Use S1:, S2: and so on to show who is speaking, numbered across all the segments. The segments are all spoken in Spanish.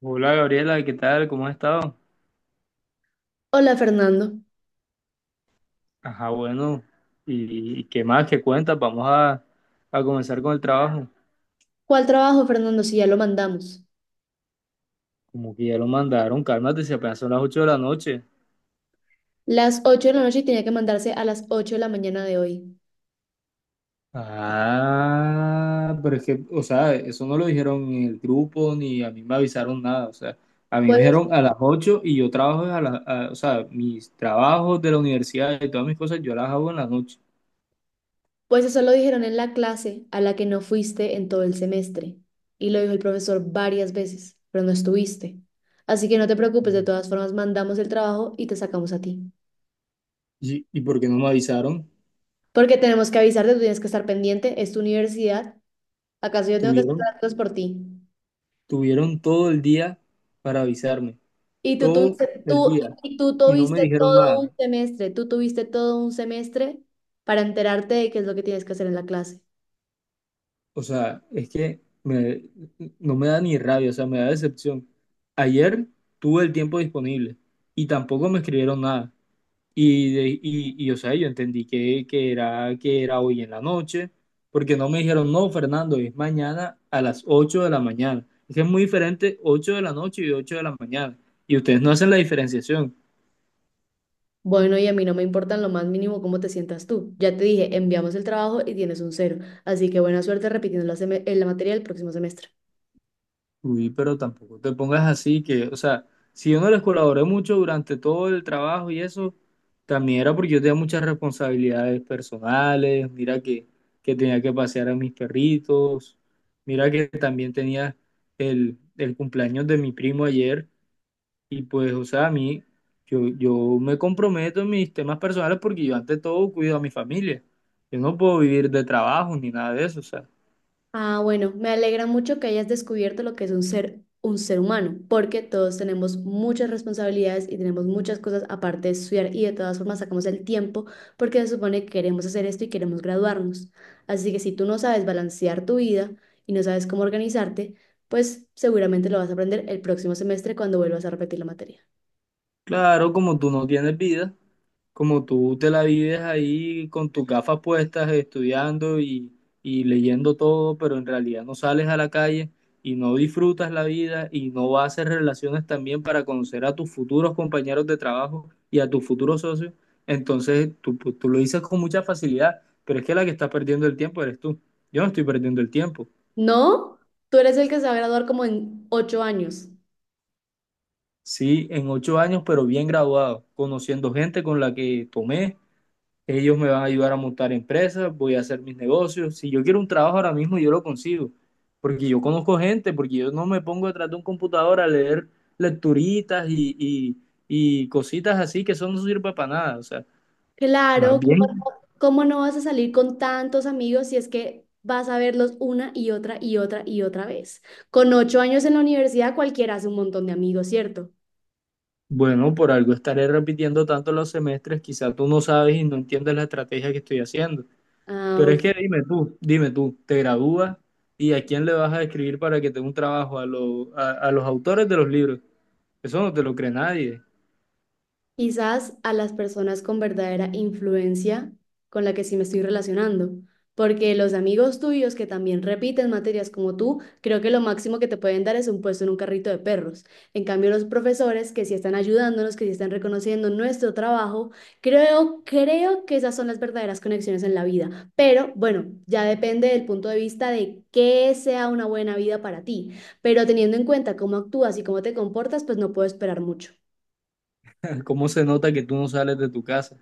S1: Hola Gabriela, ¿qué tal? ¿Cómo has estado?
S2: Hola Fernando.
S1: Ajá, bueno, ¿y qué más? ¿Qué cuentas? Vamos a comenzar con el trabajo.
S2: ¿Cuál trabajo, Fernando, si ya lo mandamos?
S1: Como que ya lo mandaron, cálmate, si apenas son las 8 de la noche.
S2: Las 8 de la noche y tenía que mandarse a las 8 de la mañana de hoy.
S1: Ah, pero es que, o sea, eso no lo dijeron en el grupo ni a mí me avisaron nada, o sea, a mí me
S2: Pues,
S1: dijeron a las 8 y yo trabajo o sea, mis trabajos de la universidad y todas mis cosas yo las hago en la noche.
S2: pues eso lo dijeron en la clase a la que no fuiste en todo el semestre. Y lo dijo el profesor varias veces, pero no estuviste. Así que no te preocupes, de todas formas mandamos el trabajo y te sacamos a ti.
S1: ¿Y por qué no me avisaron?
S2: Porque tenemos que avisarte, tú tienes que estar pendiente, es tu universidad. ¿Acaso yo tengo que hacer
S1: Tuvieron,
S2: las cosas por ti?
S1: tuvieron todo el día para avisarme.
S2: Y tú
S1: Todo
S2: tuviste,
S1: el
S2: tú,
S1: día
S2: y tú
S1: y no me
S2: tuviste
S1: dijeron
S2: todo un
S1: nada.
S2: semestre, tú tuviste todo un semestre para enterarte de qué es lo que tienes que hacer en la clase.
S1: O sea, es que no me da ni rabia, o sea, me da decepción. Ayer tuve el tiempo disponible y tampoco me escribieron nada. Y, o sea, yo entendí que era hoy en la noche, porque no me dijeron, no, Fernando, es mañana a las 8 de la mañana. Es que es muy diferente 8 de la noche y 8 de la mañana. Y ustedes no hacen la diferenciación.
S2: Bueno, y a mí no me importa en lo más mínimo cómo te sientas tú. Ya te dije, enviamos el trabajo y tienes un cero. Así que buena suerte repitiendo la, la materia el próximo semestre.
S1: Uy, pero tampoco te pongas así que, o sea, si yo no les colaboré mucho durante todo el trabajo y eso, también era porque yo tenía muchas responsabilidades personales, mira que tenía que pasear a mis perritos, mira que también tenía el cumpleaños de mi primo ayer y pues, o sea, a mí, yo me comprometo en mis temas personales porque yo ante todo cuido a mi familia, yo no puedo vivir de trabajo ni nada de eso, o sea.
S2: Ah, bueno, me alegra mucho que hayas descubierto lo que es un ser humano, porque todos tenemos muchas responsabilidades y tenemos muchas cosas aparte de estudiar y de todas formas sacamos el tiempo porque se supone que queremos hacer esto y queremos graduarnos. Así que si tú no sabes balancear tu vida y no sabes cómo organizarte, pues seguramente lo vas a aprender el próximo semestre cuando vuelvas a repetir la materia.
S1: Claro, como tú no tienes vida, como tú te la vives ahí con tus gafas puestas, estudiando y leyendo todo, pero en realidad no sales a la calle y no disfrutas la vida y no vas a hacer relaciones también para conocer a tus futuros compañeros de trabajo y a tus futuros socios, entonces tú, pues, tú lo dices con mucha facilidad, pero es que la que está perdiendo el tiempo eres tú. Yo no estoy perdiendo el tiempo.
S2: ¿No? Tú eres el que se va a graduar como en 8 años.
S1: Sí, en 8 años, pero bien graduado, conociendo gente con la que tomé. Ellos me van a ayudar a montar empresas, voy a hacer mis negocios. Si yo quiero un trabajo ahora mismo, yo lo consigo. Porque yo conozco gente, porque yo no me pongo detrás de un computador a leer lecturitas y cositas así que eso no sirve para nada. O sea, más
S2: Claro, ¿cómo
S1: bien,
S2: no, cómo no vas a salir con tantos amigos si es que vas a verlos una y otra y otra y otra vez? Con 8 años en la universidad cualquiera hace un montón de amigos, ¿cierto?
S1: bueno, por algo estaré repitiendo tanto los semestres, quizás tú no sabes y no entiendes la estrategia que estoy haciendo. Pero
S2: Ah,
S1: es que dime tú, te gradúas y a quién le vas a escribir para que tenga un trabajo, a los autores de los libros. Eso no te lo cree nadie.
S2: quizás a las personas con verdadera influencia con la que sí me estoy relacionando, porque los amigos tuyos que también repiten materias como tú, creo que lo máximo que te pueden dar es un puesto en un carrito de perros. En cambio, los profesores que sí están ayudándonos, que sí están reconociendo nuestro trabajo, creo que esas son las verdaderas conexiones en la vida. Pero bueno, ya depende del punto de vista de qué sea una buena vida para ti. Pero teniendo en cuenta cómo actúas y cómo te comportas, pues no puedo esperar mucho.
S1: Cómo se nota que tú no sales de tu casa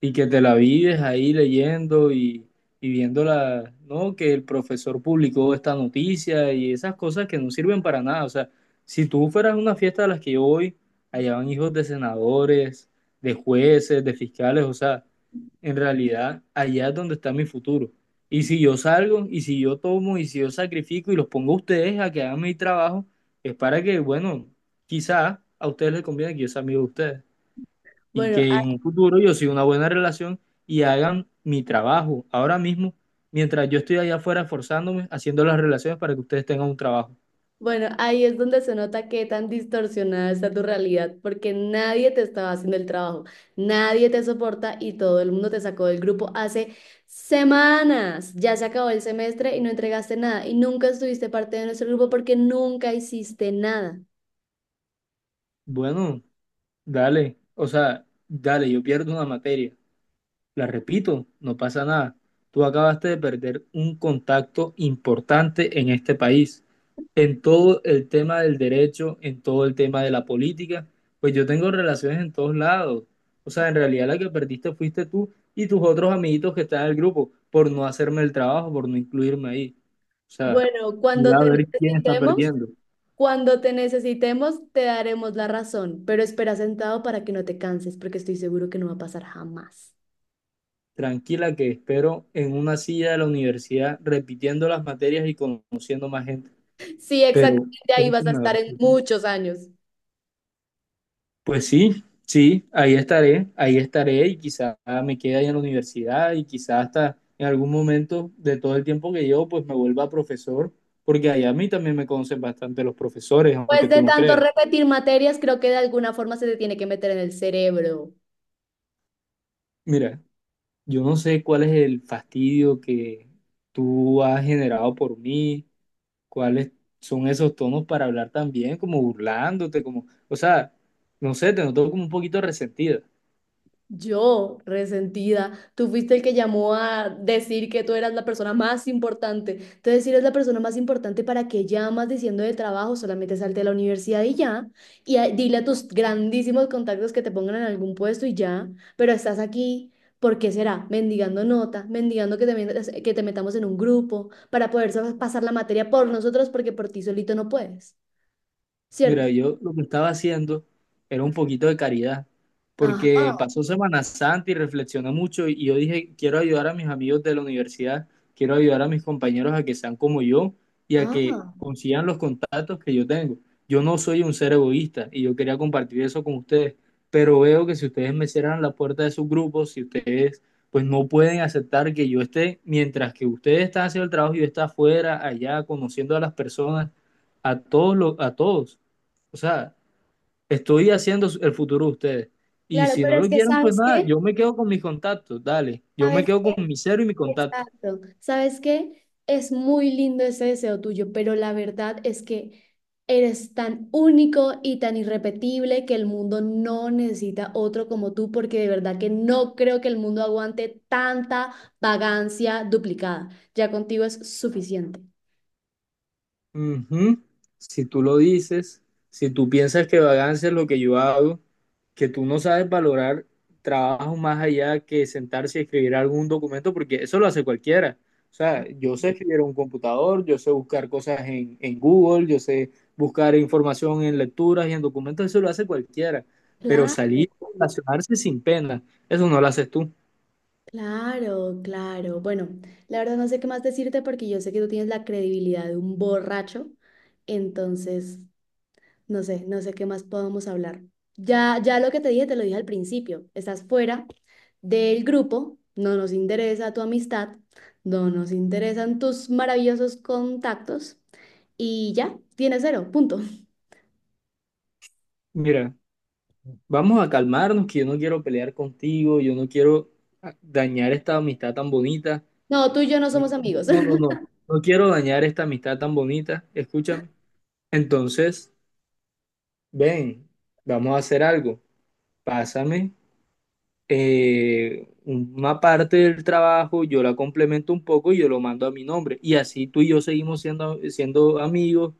S1: y que te la vives ahí leyendo y viendo la, ¿no? Que el profesor publicó esta noticia y esas cosas que no sirven para nada. O sea, si tú fueras a una fiesta de las que yo voy, allá van hijos de senadores, de jueces, de fiscales, o sea, en realidad allá es donde está mi futuro. Y si yo salgo, y si yo tomo, y si yo sacrifico y los pongo a ustedes a que hagan mi trabajo, es para que, bueno, quizá a ustedes les conviene que yo sea amigo de ustedes y
S2: Bueno,
S1: que en un futuro yo siga una buena relación y hagan mi trabajo ahora mismo, mientras yo estoy allá afuera esforzándome, haciendo las relaciones para que ustedes tengan un trabajo.
S2: bueno, ahí es donde se nota qué tan distorsionada está tu realidad, porque nadie te estaba haciendo el trabajo, nadie te soporta y todo el mundo te sacó del grupo hace semanas. Ya se acabó el semestre y no entregaste nada y nunca estuviste parte de nuestro grupo porque nunca hiciste nada.
S1: Bueno, dale, o sea, dale, yo pierdo una materia. La repito, no pasa nada. Tú acabaste de perder un contacto importante en este país, en todo el tema del derecho, en todo el tema de la política. Pues yo tengo relaciones en todos lados. O sea, en realidad la que perdiste fuiste tú y tus otros amiguitos que están en el grupo por no hacerme el trabajo, por no incluirme ahí. O sea,
S2: Bueno, cuando
S1: mira a
S2: te
S1: ver quién está
S2: necesitemos,
S1: perdiendo.
S2: cuando te necesitemos, te daremos la razón, pero espera sentado para que no te canses, porque estoy seguro que no va a pasar jamás.
S1: Tranquila que espero en una silla de la universidad repitiendo las materias y conociendo más gente.
S2: Sí,
S1: Pero
S2: exactamente, ahí
S1: eso
S2: vas a
S1: me va a
S2: estar en
S1: hacer.
S2: muchos años.
S1: Pues sí, sí, ahí estaré y quizá me quede ahí en la universidad y quizá hasta en algún momento de todo el tiempo que llevo pues me vuelva profesor, porque allá a mí también me conocen bastante los profesores, aunque
S2: Pues de
S1: tú no
S2: tanto
S1: creas.
S2: repetir materias, creo que de alguna forma se te tiene que meter en el cerebro.
S1: Mira, yo no sé cuál es el fastidio que tú has generado por mí, cuáles son esos tonos para hablar tan bien, como burlándote, como, o sea, no sé, te noto como un poquito resentida.
S2: Yo, resentida, tú fuiste el que llamó a decir que tú eras la persona más importante. Entonces, si eres la persona más importante, ¿para qué llamas diciendo de trabajo? Solamente salte a la universidad y ya. Dile a tus grandísimos contactos que te pongan en algún puesto y ya. Pero estás aquí, ¿por qué será? Mendigando nota, mendigando que que te metamos en un grupo para poder pasar la materia por nosotros porque por ti solito no puedes, ¿cierto?
S1: Mira, yo lo que estaba haciendo era un poquito de caridad, porque
S2: Ajá,
S1: pasó Semana Santa y reflexioné mucho y yo dije, quiero ayudar a mis amigos de la universidad, quiero ayudar a mis compañeros a que sean como yo y a
S2: ah,
S1: que consigan los contactos que yo tengo. Yo no soy un ser egoísta y yo quería compartir eso con ustedes, pero veo que si ustedes me cierran la puerta de sus grupos, si ustedes pues no pueden aceptar que yo esté, mientras que ustedes están haciendo el trabajo y yo esté afuera, allá, conociendo a las personas, a todos los, a todos. O sea, estoy haciendo el futuro de ustedes. Y
S2: claro,
S1: si no
S2: pero es
S1: lo
S2: que
S1: quieren, pues
S2: ¿sabes
S1: nada,
S2: qué?
S1: yo me quedo con mis contactos, dale. Yo me
S2: ¿Sabes
S1: quedo
S2: qué?
S1: con mi cero y mi contacto.
S2: Exacto. ¿Sabes qué? Es muy lindo ese deseo tuyo, pero la verdad es que eres tan único y tan irrepetible que el mundo no necesita otro como tú, porque de verdad que no creo que el mundo aguante tanta vagancia duplicada. Ya contigo es suficiente.
S1: Ujú. Si tú lo dices, si tú piensas que vagancia es lo que yo hago, que tú no sabes valorar trabajo más allá que sentarse y escribir algún documento, porque eso lo hace cualquiera. O sea, yo sé escribir en un computador, yo sé buscar cosas en Google, yo sé buscar información en lecturas y en documentos, eso lo hace cualquiera. Pero
S2: Claro.
S1: salir y relacionarse sin pena, eso no lo haces tú.
S2: Claro, claro. Bueno, la verdad no sé qué más decirte porque yo sé que tú tienes la credibilidad de un borracho, entonces no sé qué más podemos hablar. Ya, ya lo que te dije, te lo dije al principio. Estás fuera del grupo, no nos interesa tu amistad, no nos interesan tus maravillosos contactos y ya, tienes cero, punto.
S1: Mira, vamos a calmarnos, que yo no quiero pelear contigo, yo no quiero dañar esta amistad tan bonita.
S2: No, tú y yo no somos
S1: Eh,
S2: amigos.
S1: No, no, no. No quiero dañar esta amistad tan bonita. Escúchame. Entonces, ven, vamos a hacer algo. Pásame una parte del trabajo, yo la complemento un poco y yo lo mando a mi nombre. Y así tú y yo seguimos siendo amigos,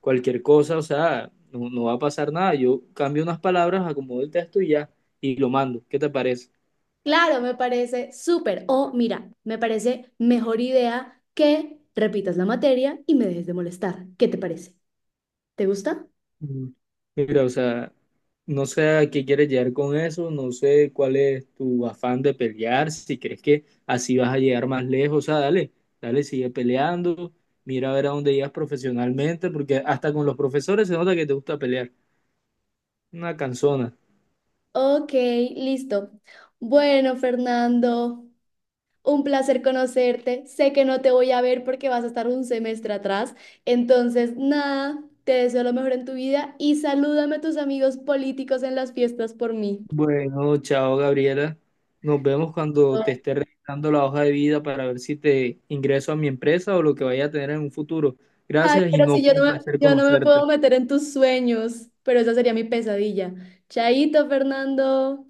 S1: cualquier cosa, o sea, no, no va a pasar nada. Yo cambio unas palabras, acomodo el texto y ya, y lo mando. ¿Qué te parece?
S2: Claro, me parece súper. O mira, me parece mejor idea que repitas la materia y me dejes de molestar. ¿Qué te parece? ¿Te gusta?
S1: Mm. Mira, o sea, no sé a qué quieres llegar con eso, no sé cuál es tu afán de pelear, si crees que así vas a llegar más lejos, o sea, dale, dale, sigue peleando, mira a ver a dónde llegas profesionalmente, porque hasta con los profesores se nota que te gusta pelear. Una canzona.
S2: Ok, listo. Bueno, Fernando, un placer conocerte. Sé que no te voy a ver porque vas a estar un semestre atrás. Entonces, nada, te deseo lo mejor en tu vida y salúdame a tus amigos políticos en las fiestas por mí.
S1: Bueno, chao Gabriela, nos vemos cuando te esté revisando la hoja de vida para ver si te ingreso a mi empresa o lo que vaya a tener en un futuro.
S2: Ay,
S1: Gracias y
S2: pero
S1: no
S2: si yo
S1: fue
S2: no
S1: un
S2: me,
S1: placer
S2: yo no me puedo
S1: conocerte.
S2: meter en tus sueños, pero esa sería mi pesadilla. Chaito, Fernando.